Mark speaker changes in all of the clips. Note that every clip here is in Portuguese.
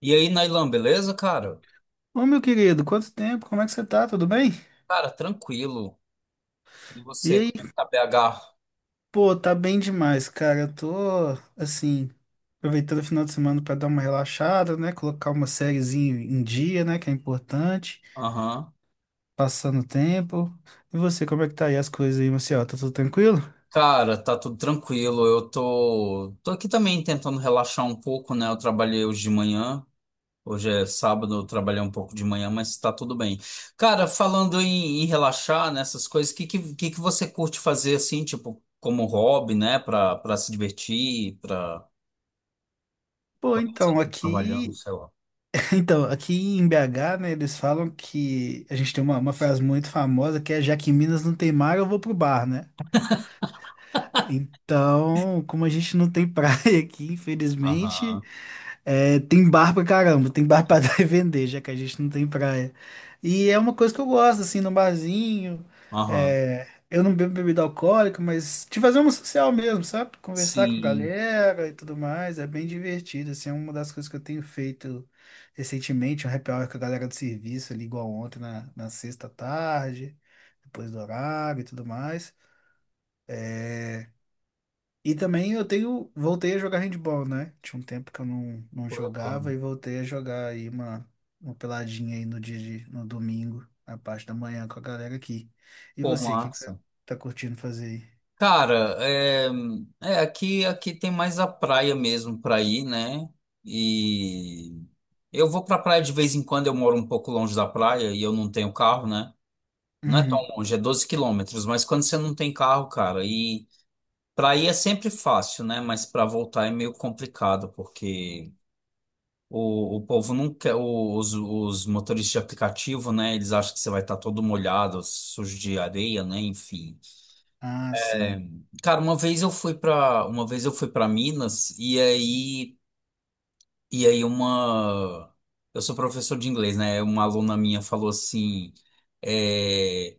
Speaker 1: E aí, Nailan, beleza, cara?
Speaker 2: Ô, meu querido, quanto tempo? Como é que você tá? Tudo bem?
Speaker 1: Cara, tranquilo. E
Speaker 2: E
Speaker 1: você,
Speaker 2: aí?
Speaker 1: como é que tá BH?
Speaker 2: Pô, tá bem demais, cara. Eu tô, assim, aproveitando o final de semana pra dar uma relaxada, né? Colocar uma sériezinha em dia, né? Que é importante.
Speaker 1: Aham.
Speaker 2: Passando o tempo. E você, como é que tá aí as coisas aí, Marcelo? Tá tudo tranquilo?
Speaker 1: Cara, tá tudo tranquilo. Eu tô aqui também tentando relaxar um pouco, né? Eu trabalhei hoje de manhã. Hoje é sábado, eu trabalhei um pouco de manhã, mas tá tudo bem. Cara, falando em relaxar nessas coisas, o que que você curte fazer assim, tipo, como hobby, né? Pra se divertir, pra
Speaker 2: Pô,
Speaker 1: quando você não
Speaker 2: então,
Speaker 1: tá trabalhando,
Speaker 2: aqui...
Speaker 1: sei lá.
Speaker 2: Então, aqui em BH, né? Eles falam que... A gente tem uma frase muito famosa que é: Já que em Minas não tem mar, eu vou pro bar, né? Então, como a gente não tem praia aqui, infelizmente...
Speaker 1: Aham,
Speaker 2: É, tem bar pra caramba, tem bar pra dar e vender, já que a gente não tem praia. E é uma coisa que eu gosto, assim, no barzinho.
Speaker 1: aham.
Speaker 2: É, eu não bebo bebida alcoólica, mas de fazer uma social mesmo, sabe? Conversar com a
Speaker 1: Sim.
Speaker 2: galera e tudo mais, é bem divertido, assim, é uma das coisas que eu tenho feito recentemente, um happy hour com a galera do serviço, ali igual ontem, na sexta à tarde, depois do horário e tudo mais. E também eu tenho, voltei a jogar handball, né? Tinha um tempo que eu não
Speaker 1: Pô, eu
Speaker 2: jogava
Speaker 1: amo.
Speaker 2: e voltei a jogar aí uma peladinha aí no dia de, no domingo, na parte da manhã com a galera aqui. E
Speaker 1: Pô,
Speaker 2: você, o que que você
Speaker 1: massa.
Speaker 2: tá curtindo fazer aí?
Speaker 1: Cara, aqui tem mais a praia mesmo para ir, né? E eu vou para praia de vez em quando, eu moro um pouco longe da praia e eu não tenho carro, né? Não é tão
Speaker 2: Hum,
Speaker 1: longe, é 12 km, mas quando você não tem carro, cara, e para ir é sempre fácil, né? Mas para voltar é meio complicado, porque o povo não quer, os motoristas de aplicativo, né? Eles acham que você vai estar todo molhado, sujo de areia, né? Enfim.
Speaker 2: ah, sim.
Speaker 1: Cara, uma vez eu fui para Minas e aí uma eu sou professor de inglês, né? Uma aluna minha falou assim, é,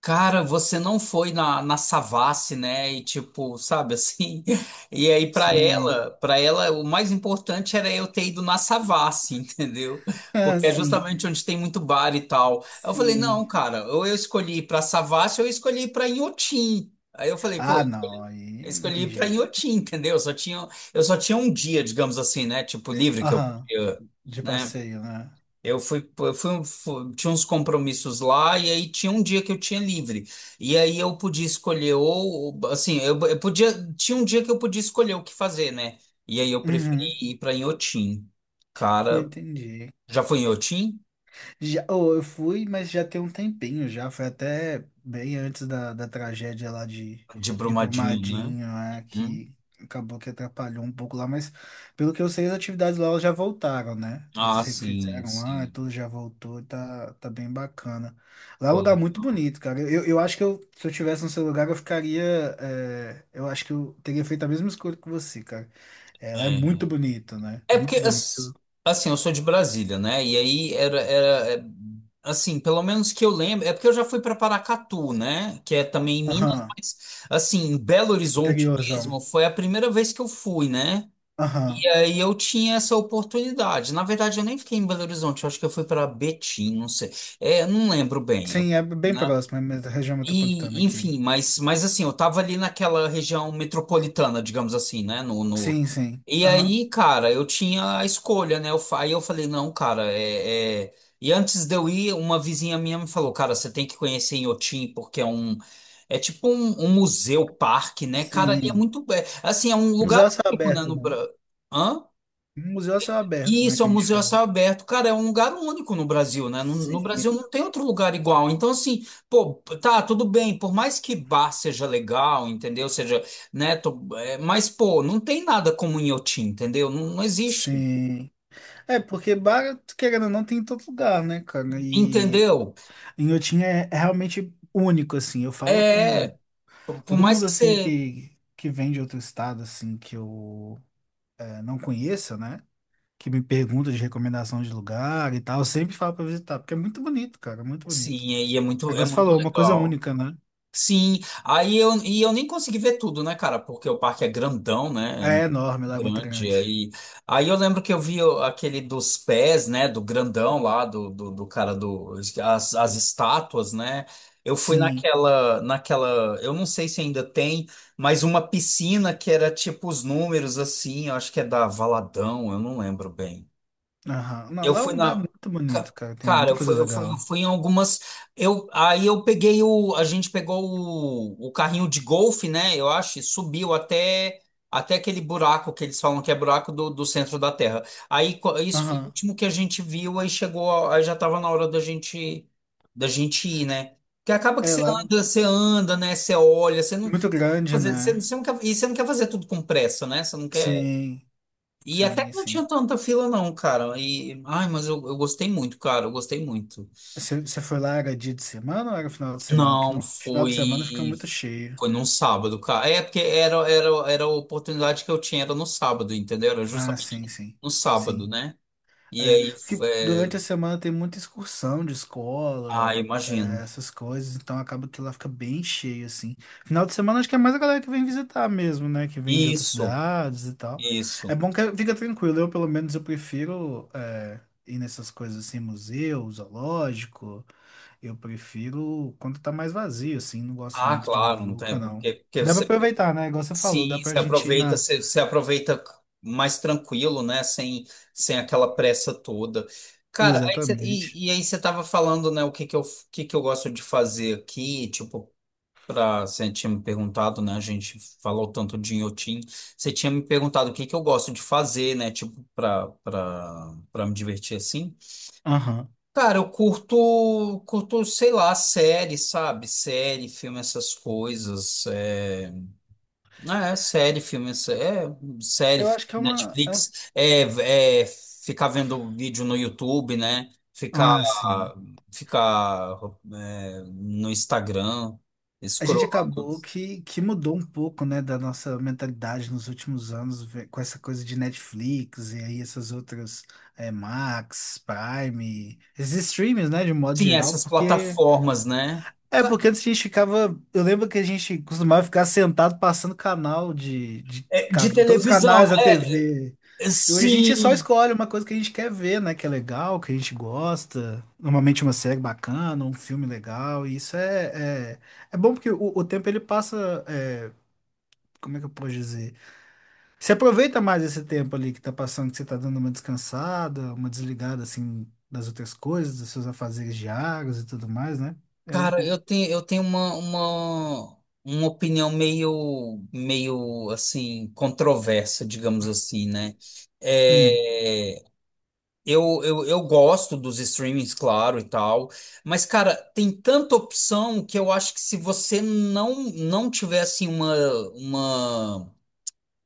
Speaker 1: cara, você não foi na Savassi, né? E tipo, sabe assim. E aí pra
Speaker 2: Sim.
Speaker 1: ela, para ela o mais importante era eu ter ido na Savassi, entendeu?
Speaker 2: Ah,
Speaker 1: Porque é
Speaker 2: sim.
Speaker 1: justamente onde tem muito bar e tal. Eu falei, não,
Speaker 2: Sim.
Speaker 1: cara, ou eu escolhi ir pra Savassi ou eu escolhi ir pra Inhotim. Aí eu falei, pô,
Speaker 2: Ah, não,
Speaker 1: eu
Speaker 2: aí não
Speaker 1: escolhi
Speaker 2: tem
Speaker 1: ir pra
Speaker 2: jeito.
Speaker 1: Inhotim, entendeu? Eu só tinha um dia, digamos assim, né? Tipo, livre que eu
Speaker 2: Aham,
Speaker 1: podia,
Speaker 2: de
Speaker 1: né?
Speaker 2: passeio, né?
Speaker 1: Tinha uns compromissos lá e aí tinha um dia que eu tinha livre. E aí eu podia escolher ou, assim, eu podia, tinha um dia que eu podia escolher o que fazer, né? E aí eu preferi
Speaker 2: Uhum.
Speaker 1: ir pra Inhotim.
Speaker 2: Pô,
Speaker 1: Cara,
Speaker 2: entendi.
Speaker 1: já foi em Inhotim?
Speaker 2: Já, oh, eu fui, mas já tem um tempinho já. Foi até bem antes da tragédia lá
Speaker 1: De
Speaker 2: de
Speaker 1: Brumadinho, né?
Speaker 2: Brumadinho, né,
Speaker 1: Hum?
Speaker 2: que acabou que atrapalhou um pouco lá. Mas pelo que eu sei, as atividades lá elas já voltaram, né?
Speaker 1: Ah,
Speaker 2: Eles
Speaker 1: sim,
Speaker 2: refizeram lá, e
Speaker 1: sim.
Speaker 2: tudo já voltou, e tá, tá bem bacana. Lá é um
Speaker 1: Pô,
Speaker 2: lugar muito bonito, cara. Eu acho que eu, se eu tivesse no seu lugar, eu ficaria. É, eu acho que eu teria feito a mesma escolha que você, cara. É, lá é
Speaker 1: é.
Speaker 2: muito bonito, né?
Speaker 1: É porque,
Speaker 2: Muito bonito.
Speaker 1: assim, eu sou de Brasília, né? E aí era, assim, pelo menos que eu lembro, é porque eu já fui para Paracatu, né? Que é também em Minas,
Speaker 2: Aham,
Speaker 1: mas, assim, em Belo Horizonte
Speaker 2: interiorzão.
Speaker 1: mesmo, foi a primeira vez que eu fui, né?
Speaker 2: Aham.
Speaker 1: E aí eu tinha essa oportunidade. Na verdade, eu nem fiquei em Belo Horizonte, eu acho que eu fui para Betim, não sei. É, não lembro bem, eu,
Speaker 2: Sim, é bem
Speaker 1: né?
Speaker 2: próximo, é a região metropolitana
Speaker 1: E,
Speaker 2: aqui.
Speaker 1: enfim, mas assim, eu tava ali naquela região metropolitana, digamos assim, né? No, no...
Speaker 2: Sim, sim.
Speaker 1: E
Speaker 2: Aham.
Speaker 1: aí, cara, eu tinha a escolha, né? Aí eu falei, não, cara, E antes de eu ir, uma vizinha minha me falou, cara, você tem que conhecer Inhotim, porque é um... É tipo um museu, parque, né? Cara, ali é
Speaker 2: Sim.
Speaker 1: muito... É, assim, é um lugar
Speaker 2: Museu a céu
Speaker 1: único, né?
Speaker 2: aberto,
Speaker 1: No...
Speaker 2: né?
Speaker 1: Hã?
Speaker 2: Museu a céu aberto, né,
Speaker 1: Isso, é
Speaker 2: que
Speaker 1: um
Speaker 2: a gente
Speaker 1: museu a
Speaker 2: falou.
Speaker 1: céu aberto. Cara, é um lugar único no Brasil, né? No
Speaker 2: Sim,
Speaker 1: Brasil não tem outro lugar igual. Então, assim, pô, tá, tudo bem. Por mais que bar seja legal, entendeu? Seja, né? Mas, pô, não tem nada como Inhotim, entendeu? Não, não existe.
Speaker 2: sim. É, porque bar, querendo ou não, tem em todo lugar, né, cara? E
Speaker 1: Entendeu?
Speaker 2: Inhotim é, é realmente único, assim. Eu falo com
Speaker 1: É, por
Speaker 2: todo
Speaker 1: mais
Speaker 2: mundo,
Speaker 1: que
Speaker 2: assim,
Speaker 1: você...
Speaker 2: que vem de outro estado, assim, que eu é, não conheça, né? Que me pergunta de recomendação de lugar e tal. Eu sempre falo pra visitar, porque é muito bonito, cara, é muito
Speaker 1: Sim,
Speaker 2: bonito.
Speaker 1: e é muito, é
Speaker 2: Agora você
Speaker 1: muito
Speaker 2: falou, uma coisa
Speaker 1: legal.
Speaker 2: única, né?
Speaker 1: Sim, e eu nem consegui ver tudo, né, cara? Porque o parque é grandão, né? É
Speaker 2: É
Speaker 1: muito
Speaker 2: enorme, lá é muito
Speaker 1: grande.
Speaker 2: grande.
Speaker 1: Aí, eu lembro que eu vi aquele dos pés, né? Do grandão lá, do cara do. As estátuas, né? Eu fui
Speaker 2: Sim.
Speaker 1: naquela. Eu não sei se ainda tem, mas uma piscina que era tipo os números assim, eu acho que é da Valadão, eu não lembro bem.
Speaker 2: Aham. Não,
Speaker 1: Eu
Speaker 2: lá é um
Speaker 1: fui
Speaker 2: lugar
Speaker 1: na.
Speaker 2: muito
Speaker 1: ca-
Speaker 2: bonito, cara. Tem
Speaker 1: Cara,
Speaker 2: muita
Speaker 1: eu
Speaker 2: coisa
Speaker 1: fui, eu fui, eu
Speaker 2: legal.
Speaker 1: fui em algumas. Aí eu peguei o. A gente pegou o carrinho de golfe, né? Eu acho, e subiu até aquele buraco que eles falam que é buraco do centro da Terra. Aí isso foi o
Speaker 2: Aham.
Speaker 1: último que a gente viu, aí chegou. Aí já tava na hora da gente ir, né? Porque acaba que
Speaker 2: É lá, é
Speaker 1: você anda, né? Você olha, você não.
Speaker 2: muito grande,
Speaker 1: Você, você,
Speaker 2: né?
Speaker 1: você não quer, e você não quer fazer tudo com pressa, né? Você não quer.
Speaker 2: Sim,
Speaker 1: E até
Speaker 2: sim,
Speaker 1: que não tinha
Speaker 2: sim.
Speaker 1: tanta fila, não, cara. E, ai, mas eu gostei muito, cara. Eu gostei muito.
Speaker 2: Você foi lá, era dia de semana ou era final de semana? Porque
Speaker 1: Não,
Speaker 2: não, final de semana fica
Speaker 1: foi.
Speaker 2: muito cheio.
Speaker 1: Foi num sábado, cara. É, porque era a oportunidade que eu tinha, era no sábado, entendeu? Era
Speaker 2: Ah,
Speaker 1: justamente
Speaker 2: sim, sim.
Speaker 1: no sábado,
Speaker 2: Sim.
Speaker 1: né? E
Speaker 2: É,
Speaker 1: aí,
Speaker 2: porque
Speaker 1: é,
Speaker 2: durante a semana tem muita excursão de escola, é,
Speaker 1: imagino.
Speaker 2: essas coisas, então acaba que lá fica bem cheio, assim. Final de semana acho que é mais a galera que vem visitar mesmo, né? Que vem de outras
Speaker 1: Isso,
Speaker 2: cidades e tal. É
Speaker 1: isso.
Speaker 2: bom que fica tranquilo, eu pelo menos eu prefiro é, ir nessas coisas assim, museu, zoológico. Eu prefiro quando tá mais vazio, assim, não gosto
Speaker 1: Ah,
Speaker 2: muito de
Speaker 1: claro, não tem.
Speaker 2: muvuca, não.
Speaker 1: Porque, porque
Speaker 2: Que dá pra
Speaker 1: você
Speaker 2: aproveitar, né? Igual você falou, dá
Speaker 1: sim,
Speaker 2: pra
Speaker 1: se
Speaker 2: gente ir
Speaker 1: aproveita,
Speaker 2: na...
Speaker 1: se aproveita mais tranquilo, né? Sem aquela pressa toda. Cara,
Speaker 2: Exatamente.
Speaker 1: e aí você tava falando, né, o que que eu gosto de fazer aqui, tipo, pra, você tinha me perguntado, né, a gente falou tanto de Inhotim, você tinha me perguntado o que que eu gosto de fazer, né, tipo, pra me divertir assim.
Speaker 2: Aham.
Speaker 1: Cara, eu curto, sei lá, série, sabe? Série, filme, essas coisas. É... Ah, é série, filme, é série,
Speaker 2: Eu acho que é uma... é- um,
Speaker 1: Netflix, ficar vendo vídeo no YouTube, né? Ficar,
Speaker 2: ah, sim.
Speaker 1: ficar é, no Instagram,
Speaker 2: A gente
Speaker 1: escrolando.
Speaker 2: acabou que mudou um pouco, né, da nossa mentalidade nos últimos anos, ve- com essa coisa de Netflix e aí essas outras, é, Max, Prime, esses streams, né, de modo
Speaker 1: Sim,
Speaker 2: geral,
Speaker 1: essas
Speaker 2: porque...
Speaker 1: plataformas, né?
Speaker 2: É,
Speaker 1: Ca-
Speaker 2: porque antes a gente ficava... Eu lembro que a gente costumava ficar sentado passando canal de
Speaker 1: é, de
Speaker 2: ca- todos os canais
Speaker 1: televisão,
Speaker 2: da
Speaker 1: é,
Speaker 2: TV.
Speaker 1: é,
Speaker 2: E hoje a gente só
Speaker 1: sim.
Speaker 2: escolhe uma coisa que a gente quer ver, né? Que é legal, que a gente gosta. Normalmente uma série bacana, um filme legal. E isso é, é, é bom porque o tempo ele passa. É, como é que eu posso dizer? Você aproveita mais esse tempo ali que tá passando, que você tá dando uma descansada, uma desligada assim das outras coisas, dos seus afazeres diários e tudo mais, né? É o.
Speaker 1: Cara, eu
Speaker 2: o-
Speaker 1: tenho, eu tenho uma opinião meio, assim, controversa, digamos assim, né?
Speaker 2: Hum.
Speaker 1: É, eu gosto dos streamings, claro, e tal, mas, cara, tem tanta opção que eu acho que se você não tiver, assim, uma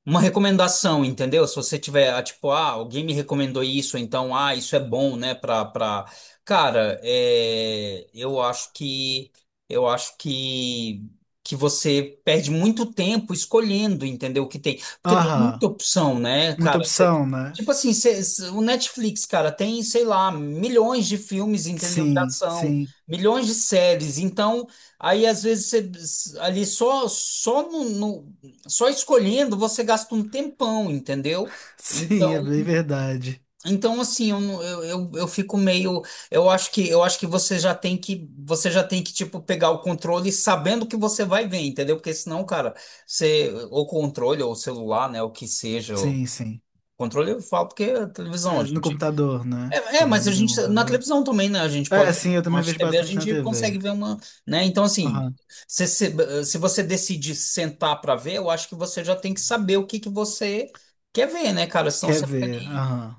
Speaker 1: uma recomendação, entendeu? Se você tiver, ah, tipo, ah, alguém me recomendou isso, então, ah, isso é bom, né, pra, pra... Cara, eu acho que você perde muito tempo escolhendo, entendeu, o que tem. Porque tem muita
Speaker 2: Aham.
Speaker 1: opção, né,
Speaker 2: Muita
Speaker 1: cara?
Speaker 2: opção, né?
Speaker 1: Tipo assim, o Netflix, cara, tem, sei lá, milhões de filmes, entendeu, de
Speaker 2: Sim,
Speaker 1: ação,
Speaker 2: sim,
Speaker 1: milhões de séries, então... Aí às vezes você ali só só só escolhendo você gasta um tempão, entendeu?
Speaker 2: sim, é
Speaker 1: Então,
Speaker 2: bem verdade.
Speaker 1: então assim, eu, não- eu fico meio, eu acho que você já tem que tipo pegar o controle sabendo que você vai ver, entendeu? Porque senão, cara, você ou controle ou celular, né, o que seja, o
Speaker 2: Sim, sim.
Speaker 1: controle eu falo porque é televisão, a
Speaker 2: É, no
Speaker 1: gente
Speaker 2: computador, né?
Speaker 1: mas a
Speaker 2: Também tem um
Speaker 1: gente, na
Speaker 2: computador.
Speaker 1: televisão também, né? A gente
Speaker 2: É,
Speaker 1: pode.
Speaker 2: sim, eu
Speaker 1: Na
Speaker 2: também vejo
Speaker 1: TV a
Speaker 2: bastante na
Speaker 1: gente
Speaker 2: TV.
Speaker 1: consegue ver uma. Né? Então, assim,
Speaker 2: Aham.
Speaker 1: se, se, se você decidir sentar para ver, eu acho que você já tem que saber o que você quer ver, né, cara? Senão
Speaker 2: Quer
Speaker 1: você fica
Speaker 2: ver?
Speaker 1: ali.
Speaker 2: Aham.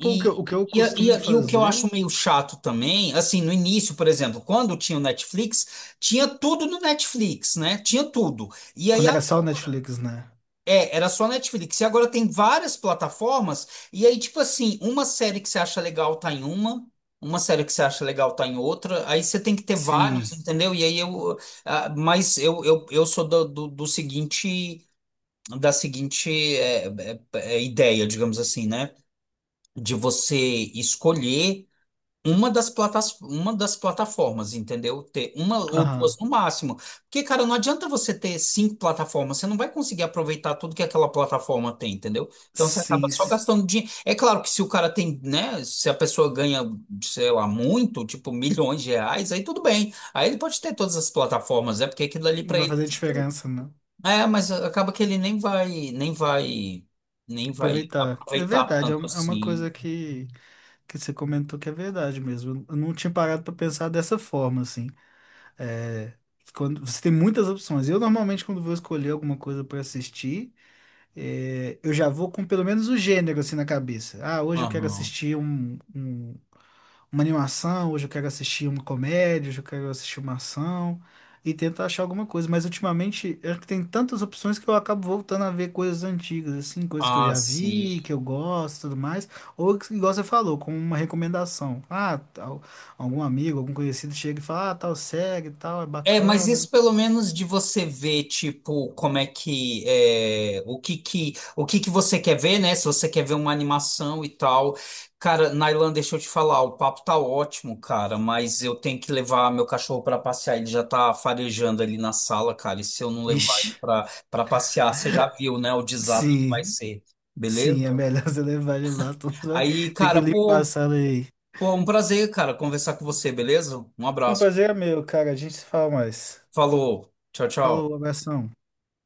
Speaker 2: Pô, o que eu
Speaker 1: e,
Speaker 2: costumo
Speaker 1: e, e o que eu
Speaker 2: fazer
Speaker 1: acho meio chato também, assim, no início, por exemplo, quando tinha o Netflix, tinha tudo no Netflix, né? Tinha tudo. E aí
Speaker 2: quando era só o
Speaker 1: agora.
Speaker 2: Netflix, né?
Speaker 1: É, era só Netflix. E agora tem várias plataformas. E aí, tipo assim, uma série que você acha legal tá em uma série que você acha legal tá em outra. Aí você tem que ter vários,
Speaker 2: Sim.
Speaker 1: entendeu? E aí eu. Ah, mas eu sou do seguinte. Da seguinte é, é, ideia, digamos assim, né? De você escolher. Uma das plataformas, entendeu? Ter uma ou duas
Speaker 2: Aham.
Speaker 1: no máximo. Porque, cara, não adianta você ter cinco plataformas, você não vai conseguir aproveitar tudo que aquela plataforma tem, entendeu? Então você acaba
Speaker 2: Sim.
Speaker 1: só
Speaker 2: s-
Speaker 1: gastando dinheiro. É claro que se o cara tem, né? Se a pessoa ganha, sei lá, muito, tipo milhões de reais, aí tudo bem. Aí ele pode ter todas as plataformas, é porque aquilo ali
Speaker 2: Não
Speaker 1: pra
Speaker 2: vai
Speaker 1: ele.
Speaker 2: fazer diferença, né?
Speaker 1: É, mas acaba que ele nem vai
Speaker 2: Aproveitar. É
Speaker 1: aproveitar
Speaker 2: verdade, é
Speaker 1: tanto
Speaker 2: um- é uma
Speaker 1: assim.
Speaker 2: coisa que você comentou que é verdade mesmo. Eu não tinha parado pra pensar dessa forma, assim. É, quando, você tem muitas opções. Eu normalmente, quando vou escolher alguma coisa pra assistir. É, eu já vou com pelo menos o gênero assim na cabeça. Ah, hoje eu quero
Speaker 1: Aham.
Speaker 2: assistir um, um- uma animação, hoje eu quero assistir uma comédia, hoje eu quero assistir uma ação e tento achar alguma coisa. Mas ultimamente é que tem tantas opções que eu acabo voltando a ver coisas antigas, assim, coisas que eu
Speaker 1: Ah,
Speaker 2: já
Speaker 1: sim.
Speaker 2: vi, que eu gosto, e tudo mais. Ou que, igual você falou, com uma recomendação. Ah, tal, algum amigo, algum conhecido chega e fala, ah, tal série, e tal, é
Speaker 1: É, mas
Speaker 2: bacana.
Speaker 1: isso pelo menos de você ver, tipo, como é que, é, o que que você quer ver, né? Se você quer ver uma animação e tal. Cara, Nailan, deixa eu te falar, o papo tá ótimo, cara, mas eu tenho que levar meu cachorro pra passear, ele já tá farejando ali na sala, cara, e se eu não levar ele
Speaker 2: Ixi,
Speaker 1: pra passear, você já viu, né, o desastre que vai
Speaker 2: sim.
Speaker 1: ser, beleza?
Speaker 2: Sim, é melhor você levar ele lá, tu vai
Speaker 1: Aí,
Speaker 2: ter
Speaker 1: cara,
Speaker 2: que limpar a
Speaker 1: pô,
Speaker 2: sala aí.
Speaker 1: pô, um prazer, cara, conversar com você, beleza? Um
Speaker 2: Um
Speaker 1: abraço.
Speaker 2: prazer é meu, cara. A gente se fala mais.
Speaker 1: Falou, tchau, tchau.
Speaker 2: Falou, abração.